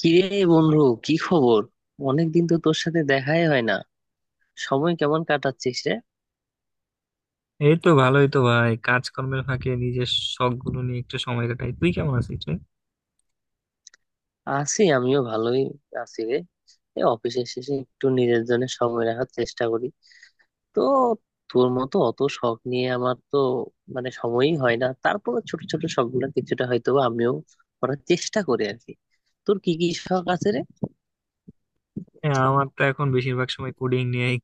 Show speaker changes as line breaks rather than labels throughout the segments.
কিরে বন্ধু, কি খবর? অনেকদিন তো তোর সাথে দেখাই হয় না। সময় কেমন কাটাচ্ছিস রে?
এই তো ভালোই তো ভাই, কাজকর্মের ফাঁকে নিজের শখ গুলো নিয়ে একটু সময় কাটাই। তুই কেমন আছিস রে?
আছি, আমিও ভালোই আছি রে। এই অফিসের শেষে একটু নিজের জন্য সময় রাখার চেষ্টা করি। তো তোর মতো অত শখ নিয়ে আমার তো সময়ই হয় না। তারপরে ছোট ছোট শখ গুলো কিছুটা হয়তো বা আমিও করার চেষ্টা করি আর কি। তোর কি কি শখ আছে রে?
হ্যাঁ, আমার তো এখন বেশিরভাগ সময় কোডিং নিয়েই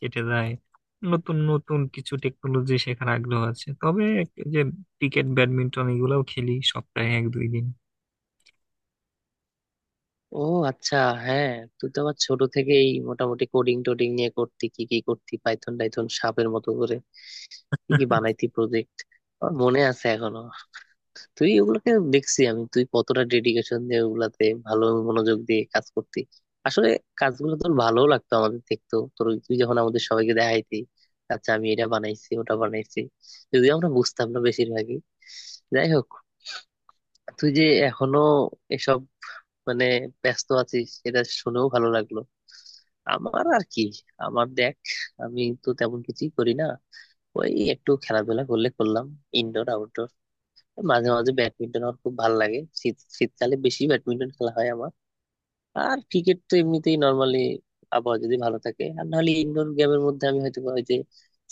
কেটে যায়। নতুন নতুন কিছু টেকনোলজি শেখার আগ্রহ আছে, তবে এই যে ক্রিকেট, ব্যাডমিন্টন এগুলাও খেলি সপ্তাহে এক দুই দিন।
ও, আচ্ছা, হ্যাঁ। তুই তো আবার ছোট থেকেই মোটামুটি কোডিং টোডিং নিয়ে করতি। কি কি করতি, পাইথন টাইথন সাপের মতো করে কি কি বানাইতি প্রজেক্ট, আমার মনে আছে এখনো। তুই ওগুলোকে দেখছি আমি, তুই কতটা ডেডিকেশন দিয়ে ওগুলাতে ভালো মনোযোগ দিয়ে কাজ করতি। আসলে কাজগুলো তোর ভালো লাগতো। আমাদের দেখতো তোর ওই- তুই যখন আমাদের সবাইকে দেখাইতি, আচ্ছা আমি এটা বানাইছি ওটা বানাইছি, যদিও আমরা বুঝতাম না বেশিরভাগই। যাই হোক, তুই যে এখনো এসব মানে ব্যস্ত আছিস, এটা শুনেও ভালো লাগলো। আমার আর কি, আমার দেখ, আমি তো তেমন কিছুই করি না। ওই একটু খেলাধুলা করলে করলাম, ইনডোর আউটডোর। মাঝে মাঝে ব্যাডমিন্টন আমার খুব ভালো লাগে। শীত শীতকালে বেশি ব্যাডমিন্টন খেলা হয় আমার। আর ক্রিকেট তো এমনিতেই নর্মালি আবহাওয়া যদি ভালো থাকে। আর নাহলে ইনডোর গেমের মধ্যে আমি হয়তো বা ওই যে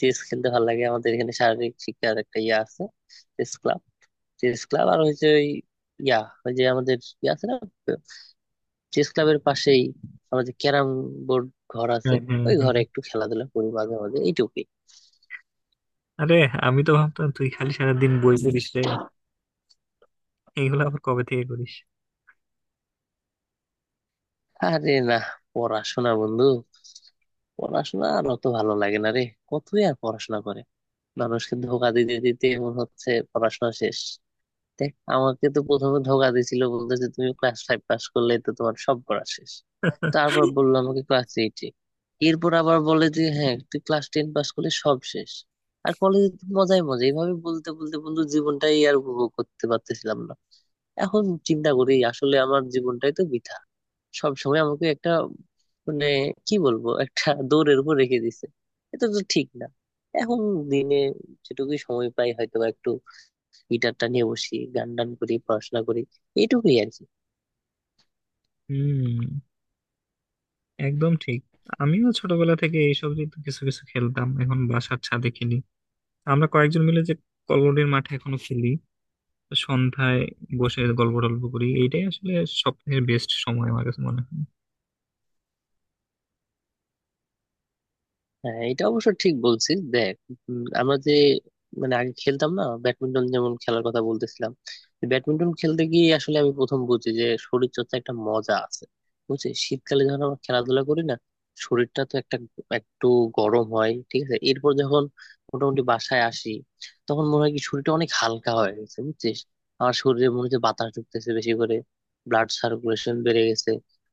চেস খেলতে ভালো লাগে। আমাদের এখানে শারীরিক শিক্ষার একটা ইয়ে আছে, চেস ক্লাব। চেস ক্লাব আর হচ্ছে ওই, ইয়া, ওই যে আমাদের ইয়ে আছে না, চেস ক্লাবের পাশেই আমাদের ক্যারাম বোর্ড ঘর আছে।
হ্যাঁ হ্যাঁ
ওই
হ্যাঁ।
ঘরে একটু খেলাধুলা করি মাঝে মাঝে, এইটুকুই।
আরে, আমি তো ভাবতাম তুই খালি সারাদিন বই পড়িস রে। এগুলো আবার কবে থেকে করিস?
আরে না, পড়াশোনা বন্ধু, পড়াশোনা আর অত ভালো লাগে না রে। কতই আর পড়াশোনা করে, মানুষকে ধোঁকা দিতে দিতে ওর হচ্ছে পড়াশোনা শেষ। দেখ, আমাকে তো প্রথমে ধোকা দিয়েছিল, বলতেছে তুমি ক্লাস ফাইভ পাস করলে তো তোমার সব পড়া শেষ। তারপর বললো আমাকে ক্লাস এইটে। এরপর আবার বলে যে হ্যাঁ, তুই ক্লাস টেন পাস করলে সব শেষ, আর কলেজে তো মজাই মজা। এইভাবে বলতে বলতে বন্ধু জীবনটাই আর উপভোগ করতে পারতেছিলাম না। এখন চিন্তা করি আসলে আমার জীবনটাই তো বৃথা। সব সময় আমাকে একটা মানে কি বলবো, একটা দৌড়ের উপর রেখে দিছে। এটা তো ঠিক না। এখন দিনে যেটুকুই সময় পাই হয়তো বা গিটারটা নিয়ে বসি, গান টান করি, পড়াশোনা করি, এইটুকুই আর কি।
হুম, একদম ঠিক। আমিও ছোটবেলা থেকে এইসব নিয়ে তো কিছু কিছু খেলতাম, এখন বাসার ছাদে খেলি। আমরা কয়েকজন মিলে যে কল্লোলের মাঠে এখনো খেলি সন্ধ্যায়, বসে গল্প টল্প করি, এইটাই আসলে সবথেকে বেস্ট সময় আমার কাছে মনে হয়।
হ্যাঁ, এটা অবশ্য ঠিক বলছিস। দেখ, আমরা যে আগে খেলতাম না, ব্যাডমিন্টন যেমন খেলার কথা বলতেছিলাম। ব্যাডমিন্টন খেলতে গিয়ে আসলে আমি প্রথম বুঝি যে শরীর চর্চা একটা মজা আছে। বুঝছিস, শীতকালে যখন আমরা খেলাধুলা করি না, শরীরটা তো একটা একটু গরম হয়, ঠিক আছে। এরপর যখন মোটামুটি বাসায় আসি, তখন মনে হয় কি শরীরটা অনেক হালকা হয়ে গেছে। বুঝছিস, আমার শরীরে মনে হচ্ছে বাতাস ঢুকতেছে বেশি করে, ব্লাড সার্কুলেশন বেড়ে গেছে,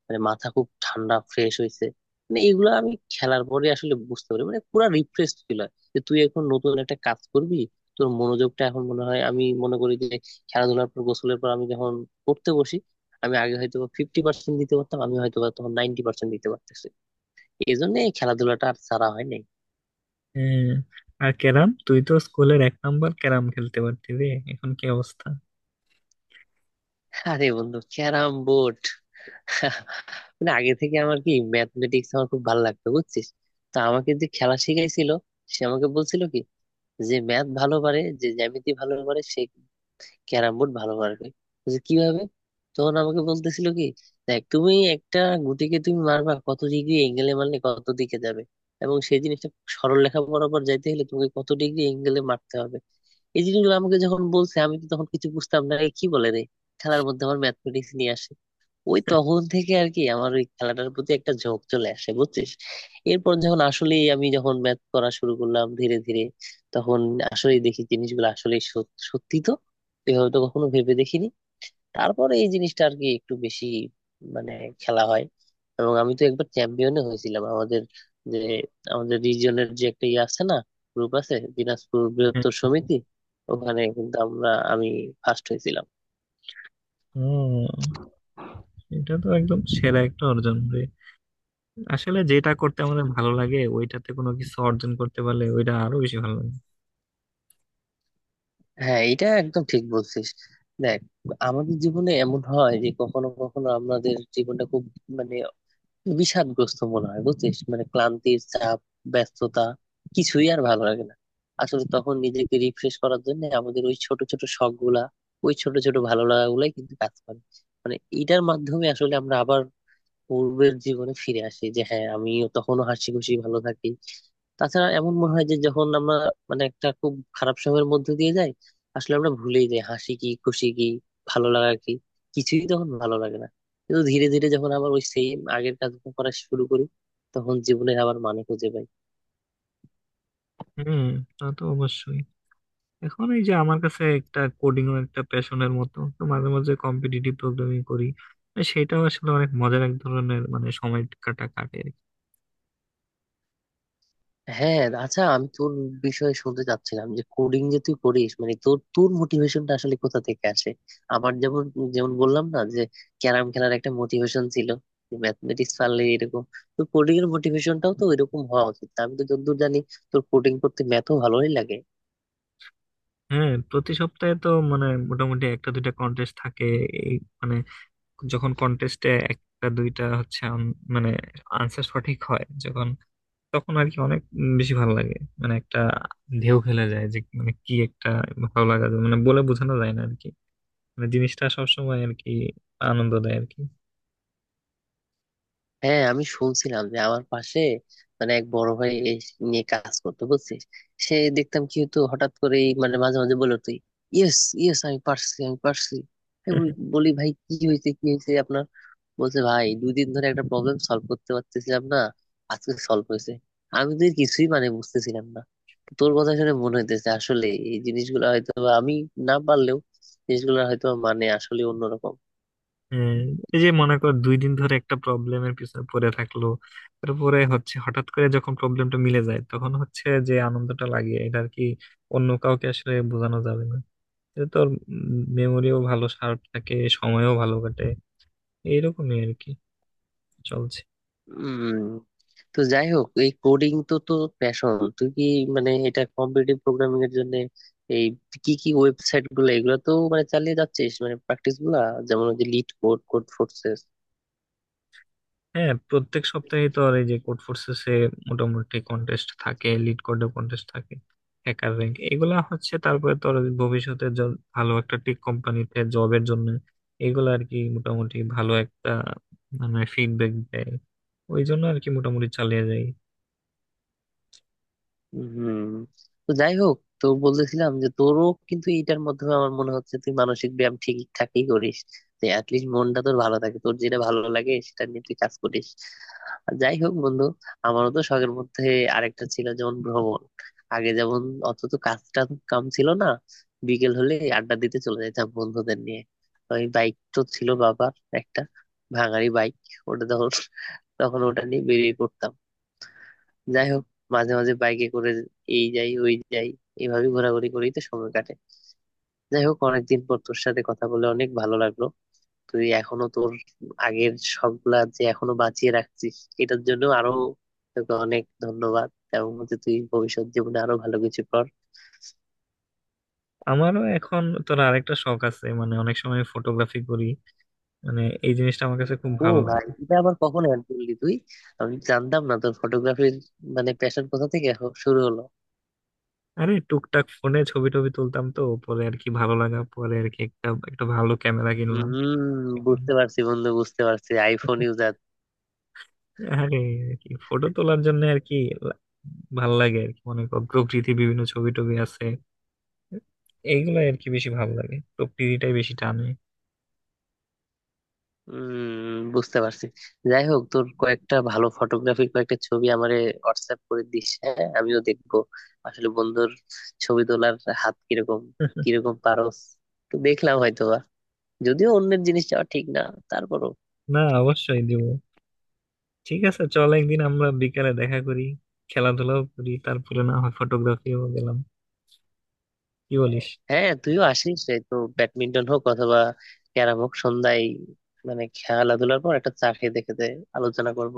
মাথা খুব ঠান্ডা ফ্রেশ হয়েছে। মানে এগুলো আমি খেলার পরে আসলে বুঝতে পারি, মানে পুরা রিফ্রেশ ফিল হয় যে তুই এখন নতুন একটা কাজ করবি। তোর মনোযোগটা এখন মনে হয়, আমি মনে করি যে খেলাধুলার পর, গোসলের পর আমি যখন পড়তে বসি, আমি আগে হয়তো 50% দিতে পারতাম, আমি হয়তো বা তখন 90% দিতে পারতেছি। এই জন্য এই খেলাধুলাটা আর ছাড়া হয় নাই।
হ্যাঁ, আর ক্যারাম তুই তো স্কুলের এক নাম্বার ক্যারাম খেলতে পারতি রে। এখন কি অবস্থা?
আরে বন্ধু, ক্যারাম বোর্ড আগে থেকে আমার কি ম্যাথমেটিক্স আমার খুব ভালো লাগতো, বুঝছিস। তো আমাকে যে খেলা শিখাইছিল, সে আমাকে বলছিল কি, যে ম্যাথ ভালো পারে, যে জ্যামিতি ভালো পারে, সে ক্যারাম বোর্ড ভালো পারবে। বলছে, কিভাবে? তখন আমাকে বলতেছিল কি, দেখ তুমি একটা গুটিকে তুমি মারবা, কত ডিগ্রি এঙ্গেলে মারলে কত দিকে যাবে, এবং সেই জিনিসটা সরল রেখা বরাবর যাইতে হলে তোমাকে কত ডিগ্রি এঙ্গেলে মারতে হবে। এই জিনিসগুলো আমাকে যখন বলছে, আমি তো তখন কিছু বুঝতাম না, এ কি বলে রে, খেলার মধ্যে আমার ম্যাথমেটিক্স নিয়ে আসে। ওই তখন থেকে আর কি আমার ওই খেলাটার প্রতি একটা ঝোঁক চলে আসে, বুঝছিস। এরপর যখন আসলে আমি যখন ম্যাথ করা শুরু করলাম ধীরে ধীরে, তখন আসলে দেখি জিনিসগুলো আসলে সত্যি তো, এভাবে তো কখনো ভেবে দেখিনি। তারপরে এই জিনিসটা আর কি একটু বেশি মানে খেলা হয়। এবং আমি তো একবার চ্যাম্পিয়নও হয়েছিলাম আমাদের, যে আমাদের রিজিয়নের যে একটা ইয়ে আছে না, গ্রুপ আছে, দিনাজপুর বৃহত্তর
হ্যাঁ।
সমিতি। ওখানে কিন্তু আমি ফার্স্ট হয়েছিলাম।
ও, এটা তো একদম সেরা একটা অর্জন রে। আসলে যেটা করতে আমাদের ভালো লাগে ওইটাতে কোনো কিছু অর্জন করতে পারলে ওইটা আরো বেশি ভালো লাগে।
হ্যাঁ, এটা একদম ঠিক বলছিস। দেখ, আমাদের জীবনে এমন হয় যে কখনো কখনো আমাদের জীবনটা খুব মানে বিষাদগ্রস্ত মনে হয়, বুঝছিস। মানে ক্লান্তির চাপ, ব্যস্ততা, কিছুই আর ভালো লাগে না। আসলে তখন নিজেকে রিফ্রেশ করার জন্য আমাদের ওই ছোট ছোট শখ গুলা, ওই ছোট ছোট ভালো লাগা গুলাই কিন্তু কাজ করে। মানে এটার মাধ্যমে আসলে আমরা আবার পূর্বের জীবনে ফিরে আসি যে হ্যাঁ, আমিও তখনও হাসি খুশি ভালো থাকি। তাছাড়া এমন মনে হয় যে যখন আমরা একটা খুব খারাপ সময়ের মধ্যে দিয়ে যাই, আসলে আমরা ভুলেই যাই হাসি কি, খুশি কি, ভালো লাগা কি, কিছুই তখন ভালো লাগে না। কিন্তু ধীরে ধীরে যখন আবার ওই সেম আগের কাজ করা শুরু করি, তখন জীবনের আবার মানে খুঁজে পাই।
হুম, তা তো অবশ্যই। এখন এই যে আমার কাছে একটা কোডিং ও একটা প্যাশনের মতো, তো মাঝে মাঝে কম্পিটিটিভ প্রোগ্রামিং করি, আর সেটাও আসলে অনেক মজার এক ধরনের সময় কাটা কাটে আর কি।
হ্যাঁ, আচ্ছা, আমি তোর বিষয়ে শুনতে চাচ্ছিলাম যে কোডিং যে তুই করিস, মানে তোর তোর মোটিভেশনটা আসলে কোথা থেকে আসে। আমার যেমন, যেমন বললাম না যে ক্যারাম খেলার একটা মোটিভেশন ছিল, ম্যাথমেটিক্স পারলে এরকম। তো কোডিং এর মোটিভেশনটাও তো এরকম হওয়া উচিত, আমি তো যতদূর জানি তোর কোডিং করতে ম্যাথও ভালোই লাগে।
হ্যাঁ, প্রতি সপ্তাহে তো মোটামুটি একটা দুইটা কন্টেস্ট থাকে। এই মানে যখন কন্টেস্টে একটা দুইটা হচ্ছে, আম- মানে আনসার সঠিক হয় যখন, তখন আর কি অনেক বেশি ভালো লাগে। মানে একটা ঢেউ খেলে যায়, যে মানে কি একটা ভালো লাগা যায়, মানে বলে বোঝানো যায় না আর কি। মানে জিনিসটা সবসময় আর কি আনন্দ দেয় আর কি।
হ্যাঁ, আমি শুনছিলাম যে আমার পাশে এক বড় ভাই এই নিয়ে কাজ করতে, বুঝছিস। সে দেখতাম কি হতো হঠাৎ করে, মানে মাঝে মাঝে বলে তুই, ইয়েস ইয়েস, আমি পারছি আমি পারছি। আমি বলি বলি, ভাই কি হয়েছে, কি হয়েছে আপনার? বলছে ভাই, দুই দিন ধরে একটা প্রবলেম সলভ করতে পারতেছিলাম না, আজকে সলভ হয়েছে। আমি তো এর কিছুই বুঝতেছিলাম না। তোর কথা শুনে মনে হইতেছে আসলে এই জিনিসগুলো হয়তো বা আমি না পারলেও জিনিসগুলো হয়তো আসলে অন্যরকম।
হ্যাঁ, এই যে মনে কর দুই দিন ধরে একটা প্রবলেমের পিছনে পড়ে থাকলো, তারপরে হচ্ছে হঠাৎ করে যখন প্রবলেমটা মিলে যায়, তখন হচ্ছে যে আনন্দটা লাগে এটা আর কি অন্য কাউকে আসলে বোঝানো যাবে না। এটা তোর মেমোরিও ভালো শার্প থাকে, সময়ও ভালো কাটে। এইরকমই আর কি চলছে।
উম তো যাই হোক, এই কোডিং তো তো প্যাশন। তুই কি এটা কম্পিটিটিভ প্রোগ্রামিং এর জন্য এই কি কি ওয়েবসাইট গুলো, এগুলো তো মানে চালিয়ে যাচ্ছিস, মানে প্র্যাকটিস গুলা, যেমন ওই যে লিড কোড কোড।
হ্যাঁ, প্রত্যেক সপ্তাহে তো আর এই যে কোড ফোর্সেসে মোটামুটি কন্টেস্ট থাকে, লিড কোডের কন্টেস্ট থাকে, হ্যাকার র্যাঙ্ক এগুলা হচ্ছে। তারপরে তো আর ভবিষ্যতে ভালো একটা টেক কোম্পানিতে জবের জন্য এগুলা আর কি মোটামুটি ভালো একটা ফিডব্যাক দেয়। ওই জন্য আর কি মোটামুটি চালিয়ে যাই।
হুম, তো যাই হোক, তো বলতেছিলাম যে তোরও কিন্তু এটার মাধ্যমে আমার মনে হচ্ছে তুই মানসিক ব্যায়াম ঠিকঠাকই করিস, যে অ্যাটলিস্ট মনটা তোর ভালো থাকে, তোর যেটা ভালো লাগে সেটা নিয়ে তুই কাজ করিস। আর যাই হোক বন্ধু, আমারও তো শখের মধ্যে আরেকটা ছিল, যেমন ভ্রমণ। আগে যেমন অত তো কাজ টাজ কাম ছিল না, বিকেল হলে আড্ডা দিতে চলে যেতাম বন্ধুদের নিয়ে। ওই বাইক তো ছিল বাবার, একটা ভাঙাড়ি বাইক, ওটা তখন তখন ওটা নিয়ে বেরিয়ে পড়তাম। যাই হোক, মাঝে মাঝে বাইকে করে এই যাই ওই যাই, এইভাবে ঘোরাঘুরি করেই তো সময় কাটে। যাই হোক, অনেকদিন পর তোর সাথে কথা বলে অনেক ভালো লাগলো। তুই এখনো তোর আগের সবগুলা যে এখনো বাঁচিয়ে রাখছিস, এটার জন্য আরো তোকে অনেক ধন্যবাদ। এবং হচ্ছে তুই ভবিষ্যৎ জীবনে আরো ভালো কিছু কর।
আমারও এখন তোর আরেকটা শখ আছে, অনেক সময় ফটোগ্রাফি করি। মানে এই জিনিসটা আমার কাছে খুব
ও
ভালো
ভাই,
লাগে।
এটা আবার কখন অ্যাড করলি তুই? আমি জানতাম না তোর ফটোগ্রাফির প্যাশন কোথা থেকে শুরু হলো।
আরে, টুকটাক ফোনে ছবি টবি তুলতাম, তো পরে আর কি ভালো লাগা, পরে আর কি একটা একটা ভালো ক্যামেরা কিনলাম।
হম, বুঝতে পারছি বন্ধু, বুঝতে পারছি, আইফোন ইউজার।
আরে কি, ফটো তোলার জন্য আর কি লা- ভাল লাগে আর কি। মনে কর প্রকৃতির বিভিন্ন ছবি টবি আছে, এইগুলো আর কি বেশি ভালো লাগে, প্রকৃতিটাই বেশি টানে।
উম, বুঝতে পারছি। যাই হোক, তোর কয়েকটা ভালো ফটোগ্রাফির কয়েকটা ছবি আমারে হোয়াটসঅ্যাপ করে দিস, হ্যাঁ আমিও দেখবো, আসলে বন্ধুর ছবি তোলার হাত কিরকম, কিরকম পারস তো দেখলাম হয়তো বা। যদিও অন্যের জিনিস যাওয়া ঠিক না, তারপরও।
না, অবশ্যই দিব। ঠিক আছে, চল একদিন আমরা বিকালে দেখা করি, খেলাধুলাও করি, তারপরে না হয় ফটোগ্রাফিও গেলাম। কি বলিস?
হ্যাঁ, তুইও আসিস। এই তো ব্যাডমিন্টন হোক অথবা ক্যারাম হোক, সন্ধ্যায় মানে খেলাধুলার পর একটা চা খেয়ে দেখে দে, আলোচনা করব।